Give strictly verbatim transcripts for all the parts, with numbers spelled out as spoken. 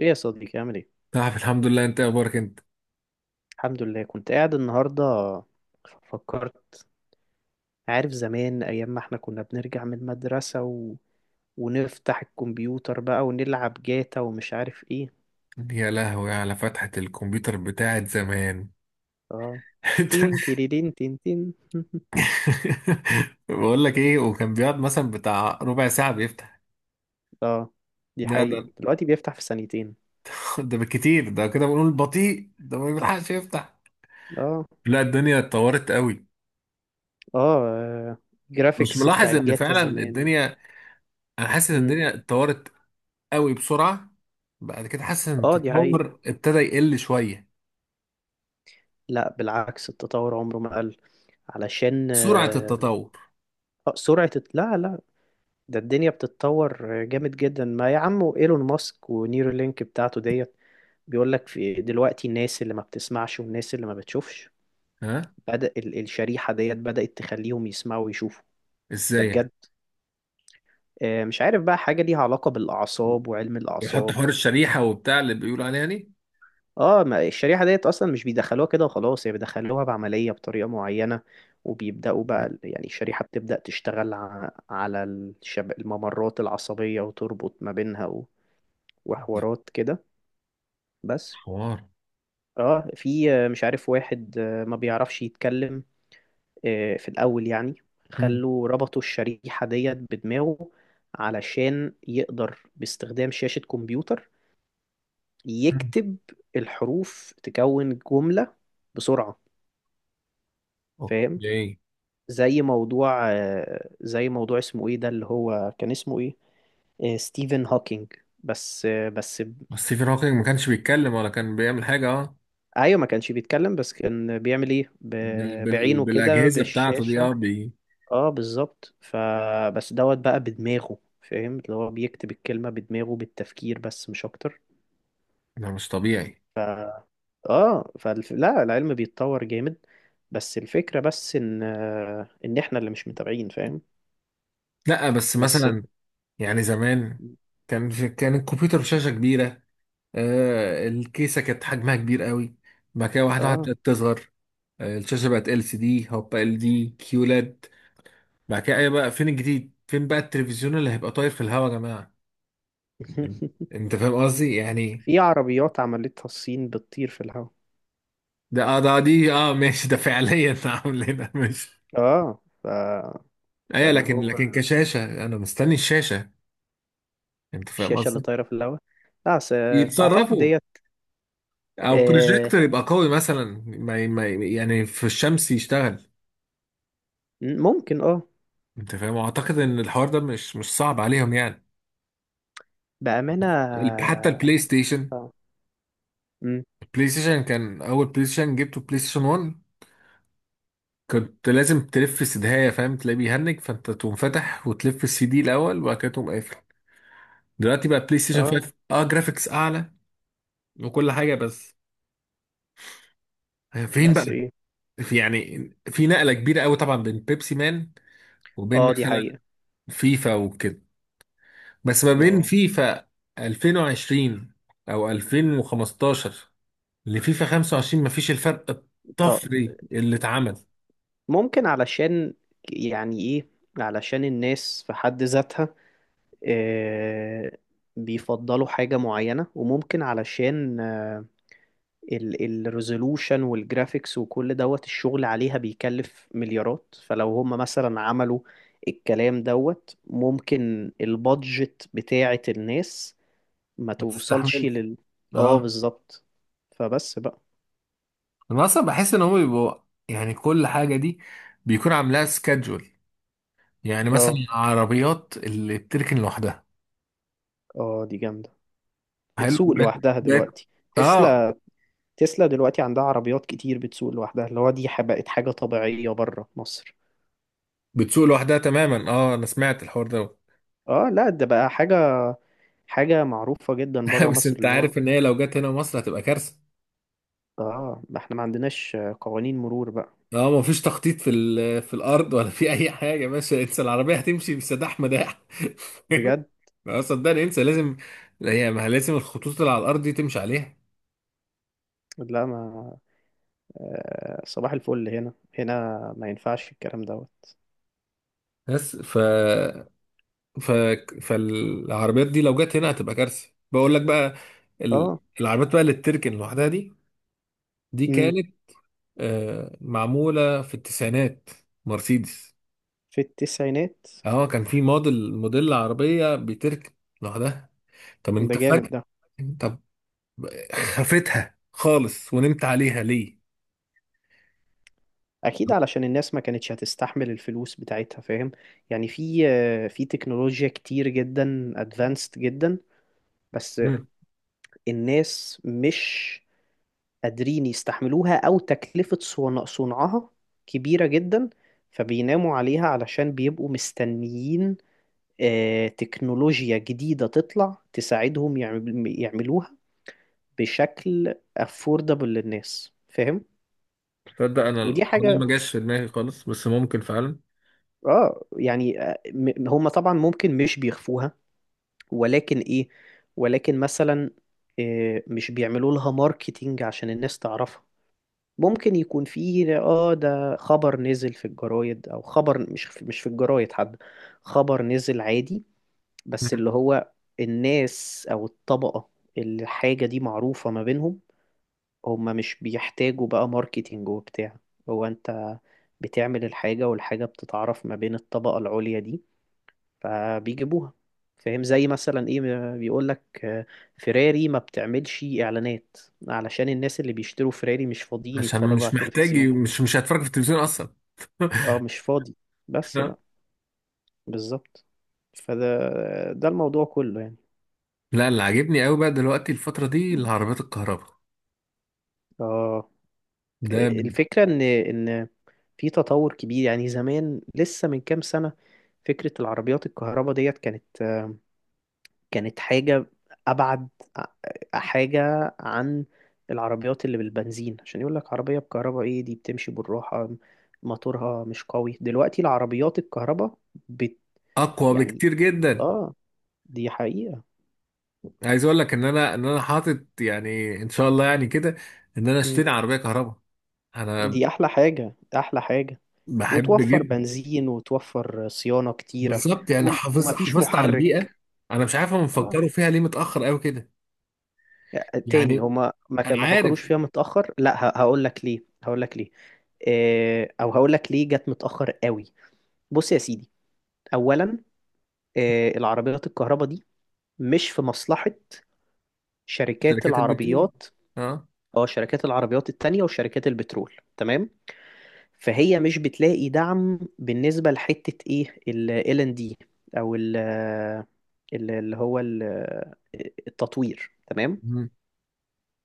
ايه يا صديقي، عامل ايه؟ نعم، الحمد لله. انت إيه اخبارك انت؟ الحمد لله. كنت قاعد النهارده فكرت، عارف زمان، ايام ما احنا كنا بنرجع من المدرسة و ونفتح الكمبيوتر بقى ونلعب جاتا ومش عارف ايه. يا لهوي على فتحة الكمبيوتر بتاعت زمان! اه. انت! تين تيريرين تين تين. بقول لك ايه، وكان بيقعد مثلا بتاع ربع ساعة بيفتح. اه، دي لا، ده حقيقة، دلوقتي بيفتح في ثانيتين. ده بالكتير، ده كده بنقول بطيء، ده ما بيلحقش يفتح. اه. لا، الدنيا اتطورت قوي. اه، مش جرافيكس ملاحظ بتاعت ان جاتا فعلا زمان. الدنيا، انا حاسس ان مم. الدنيا اتطورت قوي بسرعة. بعد كده حاسس ان اه، دي حقيقة. التطور ابتدى يقل شوية. لا بالعكس، التطور عمره ما قل، علشان سرعة آه، التطور. سرعة الت- لا لا ده الدنيا بتتطور جامد جدا، ما يا عم ايلون ماسك ونيورالينك بتاعته ديت بيقول لك في دلوقتي الناس اللي ما بتسمعش والناس اللي ما بتشوفش. ها، بدأ ال- الشريحة ديت بدأت تخليهم يسمعوا ويشوفوا. ده ازاي يعني؟ بجد. آه، مش عارف بقى حاجة ليها علاقة بالأعصاب وعلم يحط الأعصاب. حوار الشريحة وبتاع اللي بيقولوا عليها. اه، ما الشريحة ديت أصلا مش بيدخلوها كده وخلاص، هي بيدخلوها بعملية بطريقة معينة، وبيبدأوا بقى يعني الشريحة بتبدأ تشتغل ع- على الشب- الممرات العصبية وتربط ما بينها و- دي، وحوارات كده. بس. حوار. اه، في آه، مش عارف واحد آه، ما بيعرفش يتكلم. آه، في الأول يعني مم. خلوا ربطوا الشريحة ديت بدماغه علشان يقدر باستخدام شاشة كمبيوتر مم. يكتب الحروف تكون جملة بسرعة. فاهم؟ اوكي. زي موضوع آه، زي موضوع اسمه ايه ده، اللي هو كان اسمه ايه؟ آه، ستيفن هوكينج. بس آه، بس ب- بس ستيفن هوكينج ما كانش بيتكلم ولا كان بيعمل حاجة، اه. ايوه، ما كانش بيتكلم بس كان بيعمل ايه، بال... ب- بال... بعينه كده بالأجهزة بتاعته دي. بالشاشة. اه بي... اه بالظبط، فبس دوت بقى بدماغه، فاهم؟ اللي هو بيكتب الكلمة بدماغه بالتفكير بس، مش اكتر. ده مش طبيعي. اه، فالف... لا، العلم بيتطور جامد. بس الفكرة بس ان آه، ان احنا اللي مش متابعين، فاهم؟ لا، بس بس. مثلا، يعني زمان. كان في... كان الكمبيوتر بشاشة كبيرة. آه الكيسة كانت حجمها كبير قوي. بعد كده واحدة واحدة اه. ابتدت تصغر. آه الشاشة بقت ال سي دي، هوبا، ال دي كيولاد. بعد كده ايه بقى؟ فين الجديد؟ فين بقى التلفزيون اللي هيبقى طاير في الهوا يا جماعة؟ انت فاهم قصدي يعني؟ في عربيات عملتها الصين بتطير في الهواء. ده اه ده دي اه ماشي، ده فعليا عاملينها، ماشي. اه، ف... ايوه، فاللي لكن هو لكن كشاشه انا مستني الشاشه. انت فاهم الشاشة اللي قصدي؟ طايرة في الهواء. لا بس آه، اعتقد يتصرفوا. ديت. او آه. بروجيكتور يبقى قوي مثلا، ما ما يعني في الشمس يشتغل. ممكن، اه. انت فاهم، اعتقد ان الحوار ده مش مش صعب عليهم يعني. بأمانة. ال- حتى البلاي ستيشن. اه. مم. البلاي ستيشن، كان اول بلاي ستيشن جبته بلاي ستيشن واحد. كنت لازم تلف سدهايه، فاهم، تلاقيه بيهنج فانت تقوم فاتح وتلف السي دي الاول وبعد كده تقوم قافل. دلوقتي بقى بلاي ستيشن آه. خمسة، اه، جرافيكس اعلى وكل حاجه، بس. فين بقى؟ بس ايه؟ في، يعني، في نقله كبيره قوي طبعا بين بيبسي مان وبين اه، دي مثلا حقيقة. فيفا وكده. بس ما بين اه. فيفا ألفين وعشرين او ألفين وخمستاشر لفيفا خمسة وعشرين، ما فيش الفرق طب الطفري اللي اتعمل. ممكن علشان، يعني ايه، علشان الناس في حد ذاتها، آه، بيفضلوا حاجة معينة، وممكن علشان الريزولوشن والجرافيكس وكل دوت الشغل عليها بيكلف مليارات، فلو هم مثلا عملوا الكلام دوت ممكن البادجت بتاعة الناس ما ما توصلش تستحملش، لل. اه اه. بالظبط، فبس بقى. انا اصلا بحس ان هم بيبقوا، يعني، كل حاجه دي بيكون عاملاها سكادجول. يعني مثلا اه. العربيات اللي بتركن لوحدها، اه، دي جامدة. حلو بتسوق بقت. لوحدها بقت- دلوقتي اه، تسلا. تسلا دلوقتي عندها عربيات كتير بتسوق لوحدها، اللي هو دي ح- بقت حاجة طبيعية بره مصر. بتسوق لوحدها تماما، اه، انا سمعت الحوار ده. اه لا، ده بقى حاجة، حاجة معروفة جدا بره بس مصر، انت اللي هو. عارف ان هي لو جت هنا مصر هتبقى كارثه. اه، ما احنا ما عندناش قوانين مرور بقى. اه، ما فيش تخطيط في ال- في الارض ولا في اي حاجه، ماشي انسى، العربيه هتمشي بسداح مداح. بجد. اه، صدقني، انسى لازم. هي ما لازم الخطوط اللي على الارض دي تمشي عليها. لا ما. آه صباح الفل هنا، هنا ما ينفعش الكلام دوت. بس ف ف فالعربيات دي لو جت هنا هتبقى كارثه، بقول لك بقى. ال... اه. العربيات بقى اللي بتركن لوحدها دي، دي امم كانت آه معموله في التسعينات، مرسيدس. في التسعينات. اه، كان في موديل موديل عربية بتركب لوحدها. طب ده انت جامد فجأة، ده. طب، خفتها خالص ونمت عليها ليه؟ اكيد علشان الناس ما كانتش هتستحمل الفلوس بتاعتها، فاهم؟ يعني في آه، في تكنولوجيا كتير جدا، ادفانسد جدا. بس مم. الناس مش قادرين يستحملوها، او تكلفة صنع- صنعها كبيرة جدا، فبيناموا عليها علشان بيبقوا مستنيين آه، تكنولوجيا جديدة تطلع تساعدهم يعمل- يعملوها بشكل affordable للناس، فاهم؟ تصدق انا ودي الحوار ده حاجة. ما جاش في دماغي خالص، بس ممكن فعلا. اه يعني آه، م- هم طبعا ممكن مش بيخفوها، ولكن ايه، ولكن مثلا آه، مش بيعملوا لها ماركتينج عشان الناس تعرفها. ممكن يكون فيه اه، ده خبر نزل في الجرايد او خبر مش في- مش في الجرايد، حد خبر نزل عادي، بس مم. اللي هو الناس او الطبقة اللي الحاجة دي معروفة ما بينهم، هما مش بيحتاجوا بقى ماركتينج وبتاع. هو انت بتعمل الحاجة، والحاجة بتتعرف ما بين الطبقة العليا دي، فبيجيبوها، فاهم؟ زي مثلا ايه، بيقول لك فيراري ما بتعملش اعلانات، علشان الناس اللي بيشتروا فيراري مش فاضيين عشان يتفرجوا على مش محتاج، التلفزيون. مش مش هتفرج في التلفزيون اصلا. اه، مش فاضي. بس بقى. بالظبط. فده، ده الموضوع كله يعني. لا، اللي عاجبني قوي بقى دلوقتي الفترة دي العربيات الكهرباء، اه، ده الفكرة ان ان في تطور كبير، يعني زمان لسه من كام سنة فكرة العربيات الكهرباء ديت كانت كانت حاجة أبعد، ع- حاجة عن العربيات اللي بالبنزين، عشان يقول لك عربية بكهرباء، إيه دي بتمشي بالراحة، موتورها مش قوي. دلوقتي العربيات الكهرباء بت اقوى يعني، بكتير جدا. آه، دي حقيقة. عايز اقول لك ان انا ان انا حاطط، يعني، ان شاء الله يعني كده، ان انا مم. اشتري عربية كهرباء. انا دي أحلى حاجة أحلى حاجة، بحب وتوفر جدا. بنزين وتوفر صيانة كتيرة، بالظبط، يعني وم- حافظ ومفيش حافظت على البيئه. محرك. انا مش عارف هم آه. بيفكروا فيها ليه متاخر قوي كده؟ تاني، يعني، هما ما كان- انا ما فكروش عارف. فيها متأخر، لا هقول لك ليه هقول لك ليه، آه، او هقول لك ليه جت متأخر قوي. بص يا سيدي، اولا آه، العربيات الكهرباء دي مش في مصلحة شركات شركات البترول، العربيات. اه. اه، شركات العربيات التانية وشركات البترول، تمام. فهي مش بتلاقي دعم بالنسبة لحتة ايه ال إل ان دي، او ال ال- اللي هو ال- التطوير، تمام. مم.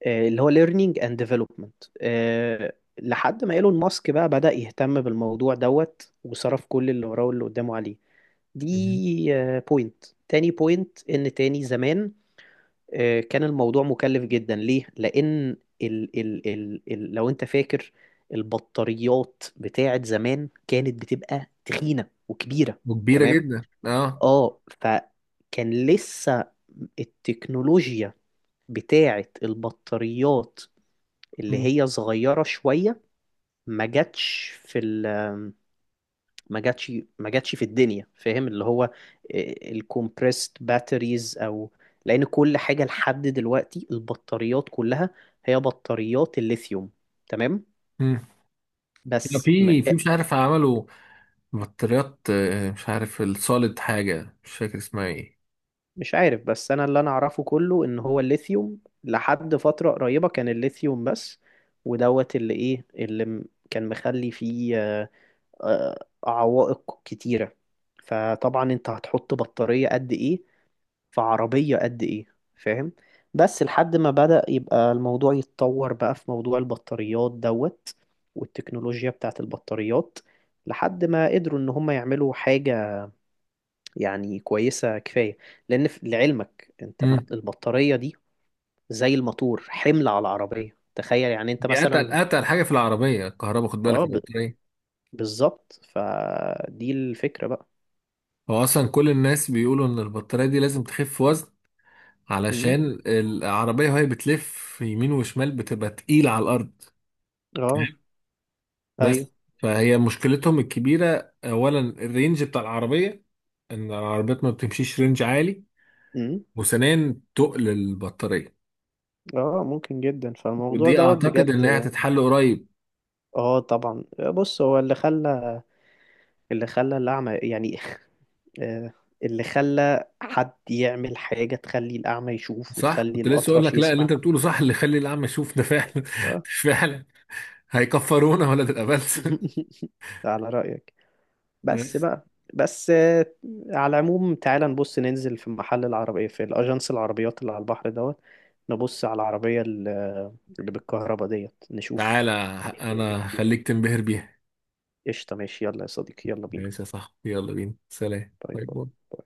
آه، اللي هو learning and development آه، لحد ما ايلون ماسك بقى بدأ يهتم بالموضوع دوت وصرف كل اللي وراه واللي قدامه عليه. مم. دي بوينت. تاني بوينت، ان تاني زمان آه، كان الموضوع مكلف جدا، ليه؟ لأن ال ال ال ال لو أنت فاكر البطاريات بتاعت زمان كانت بتبقى تخينة وكبيرة. وكبيره تمام؟ جدا، اه. اه، فكان لسه التكنولوجيا بتاعت البطاريات اللي مم. هي صغيرة شوية ما جاتش في ال ما جاتش ما جاتش في الدنيا، فاهم؟ اللي هو الكومبريست باتريز، او لان كل حاجه لحد دلوقتي البطاريات كلها هي بطاريات الليثيوم، تمام. مم. لا، بس م- في آه، في مش عارف عملوا بطاريات، آه، مش عارف السوليد، حاجه مش فاكر اسمها ايه. مش عارف، بس انا اللي انا اعرفه كله ان هو الليثيوم، لحد فتره قريبه كان الليثيوم بس، ودوت اللي ايه اللي م- كان مخلي فيه آه، آه، عوائق كتيره. فطبعا انت هتحط بطاريه قد ايه في عربية قد إيه، فاهم؟ بس لحد ما بدأ يبقى الموضوع يتطور بقى في موضوع البطاريات دوت والتكنولوجيا بتاعت البطاريات، لحد ما قدروا إن هم يعملوا حاجة يعني كويسة كفاية، لأن في- لعلمك أنت ما- مم. البطارية دي زي الموتور، حمل على العربية، تخيل يعني أنت دي اتقل مثلا. اتقل حاجه في العربيه الكهرباء، خد بالك، اه ب- البطاريه. بالظبط، فدي الفكرة بقى. هو اصلا كل الناس بيقولوا ان البطاريه دي لازم تخف وزن امم علشان العربيه وهي بتلف يمين وشمال بتبقى تقيله على الارض. اه. تمام؟ بس، ايوه. فهي مشكلتهم الكبيرة أولا الرينج بتاع العربية، إن العربيات ما بتمشيش رينج عالي، امم وثانيا تقل البطارية. اه، ممكن جدا، فالموضوع ودي دوت أعتقد بجد. إن هي هتتحل قريب. اه طبعا. بص، هو اللي خلى اللي خلى الأعمى يعني آه، اللي خلى حد يعمل حاجة تخلي الأعمى يشوف صح؟ وتخلي كنت لسه أقول الأطرش لك، لا، اللي يسمع. أنت بتقوله صح، اللي يخلي الأعمى يشوف ده فعلا. آه. فعلا، هيكفرونا ولا تبقى بلس. على رأيك. بس بس. بقى. بس آه، على العموم، تعالى نبص ننزل في محل العربية في الأجنس، العربيات اللي على البحر دوت، نبص على العربية اللي اللي بالكهرباء ديت، تعالى، نشوف ايه الدنيا أنا فيها. هخليك تنبهر بيها. قشطة، ماشي، يلا يا صديقي، يلا بينا. ماشي يا صاحبي، يلا بينا، سلام، باي باي باي. باي.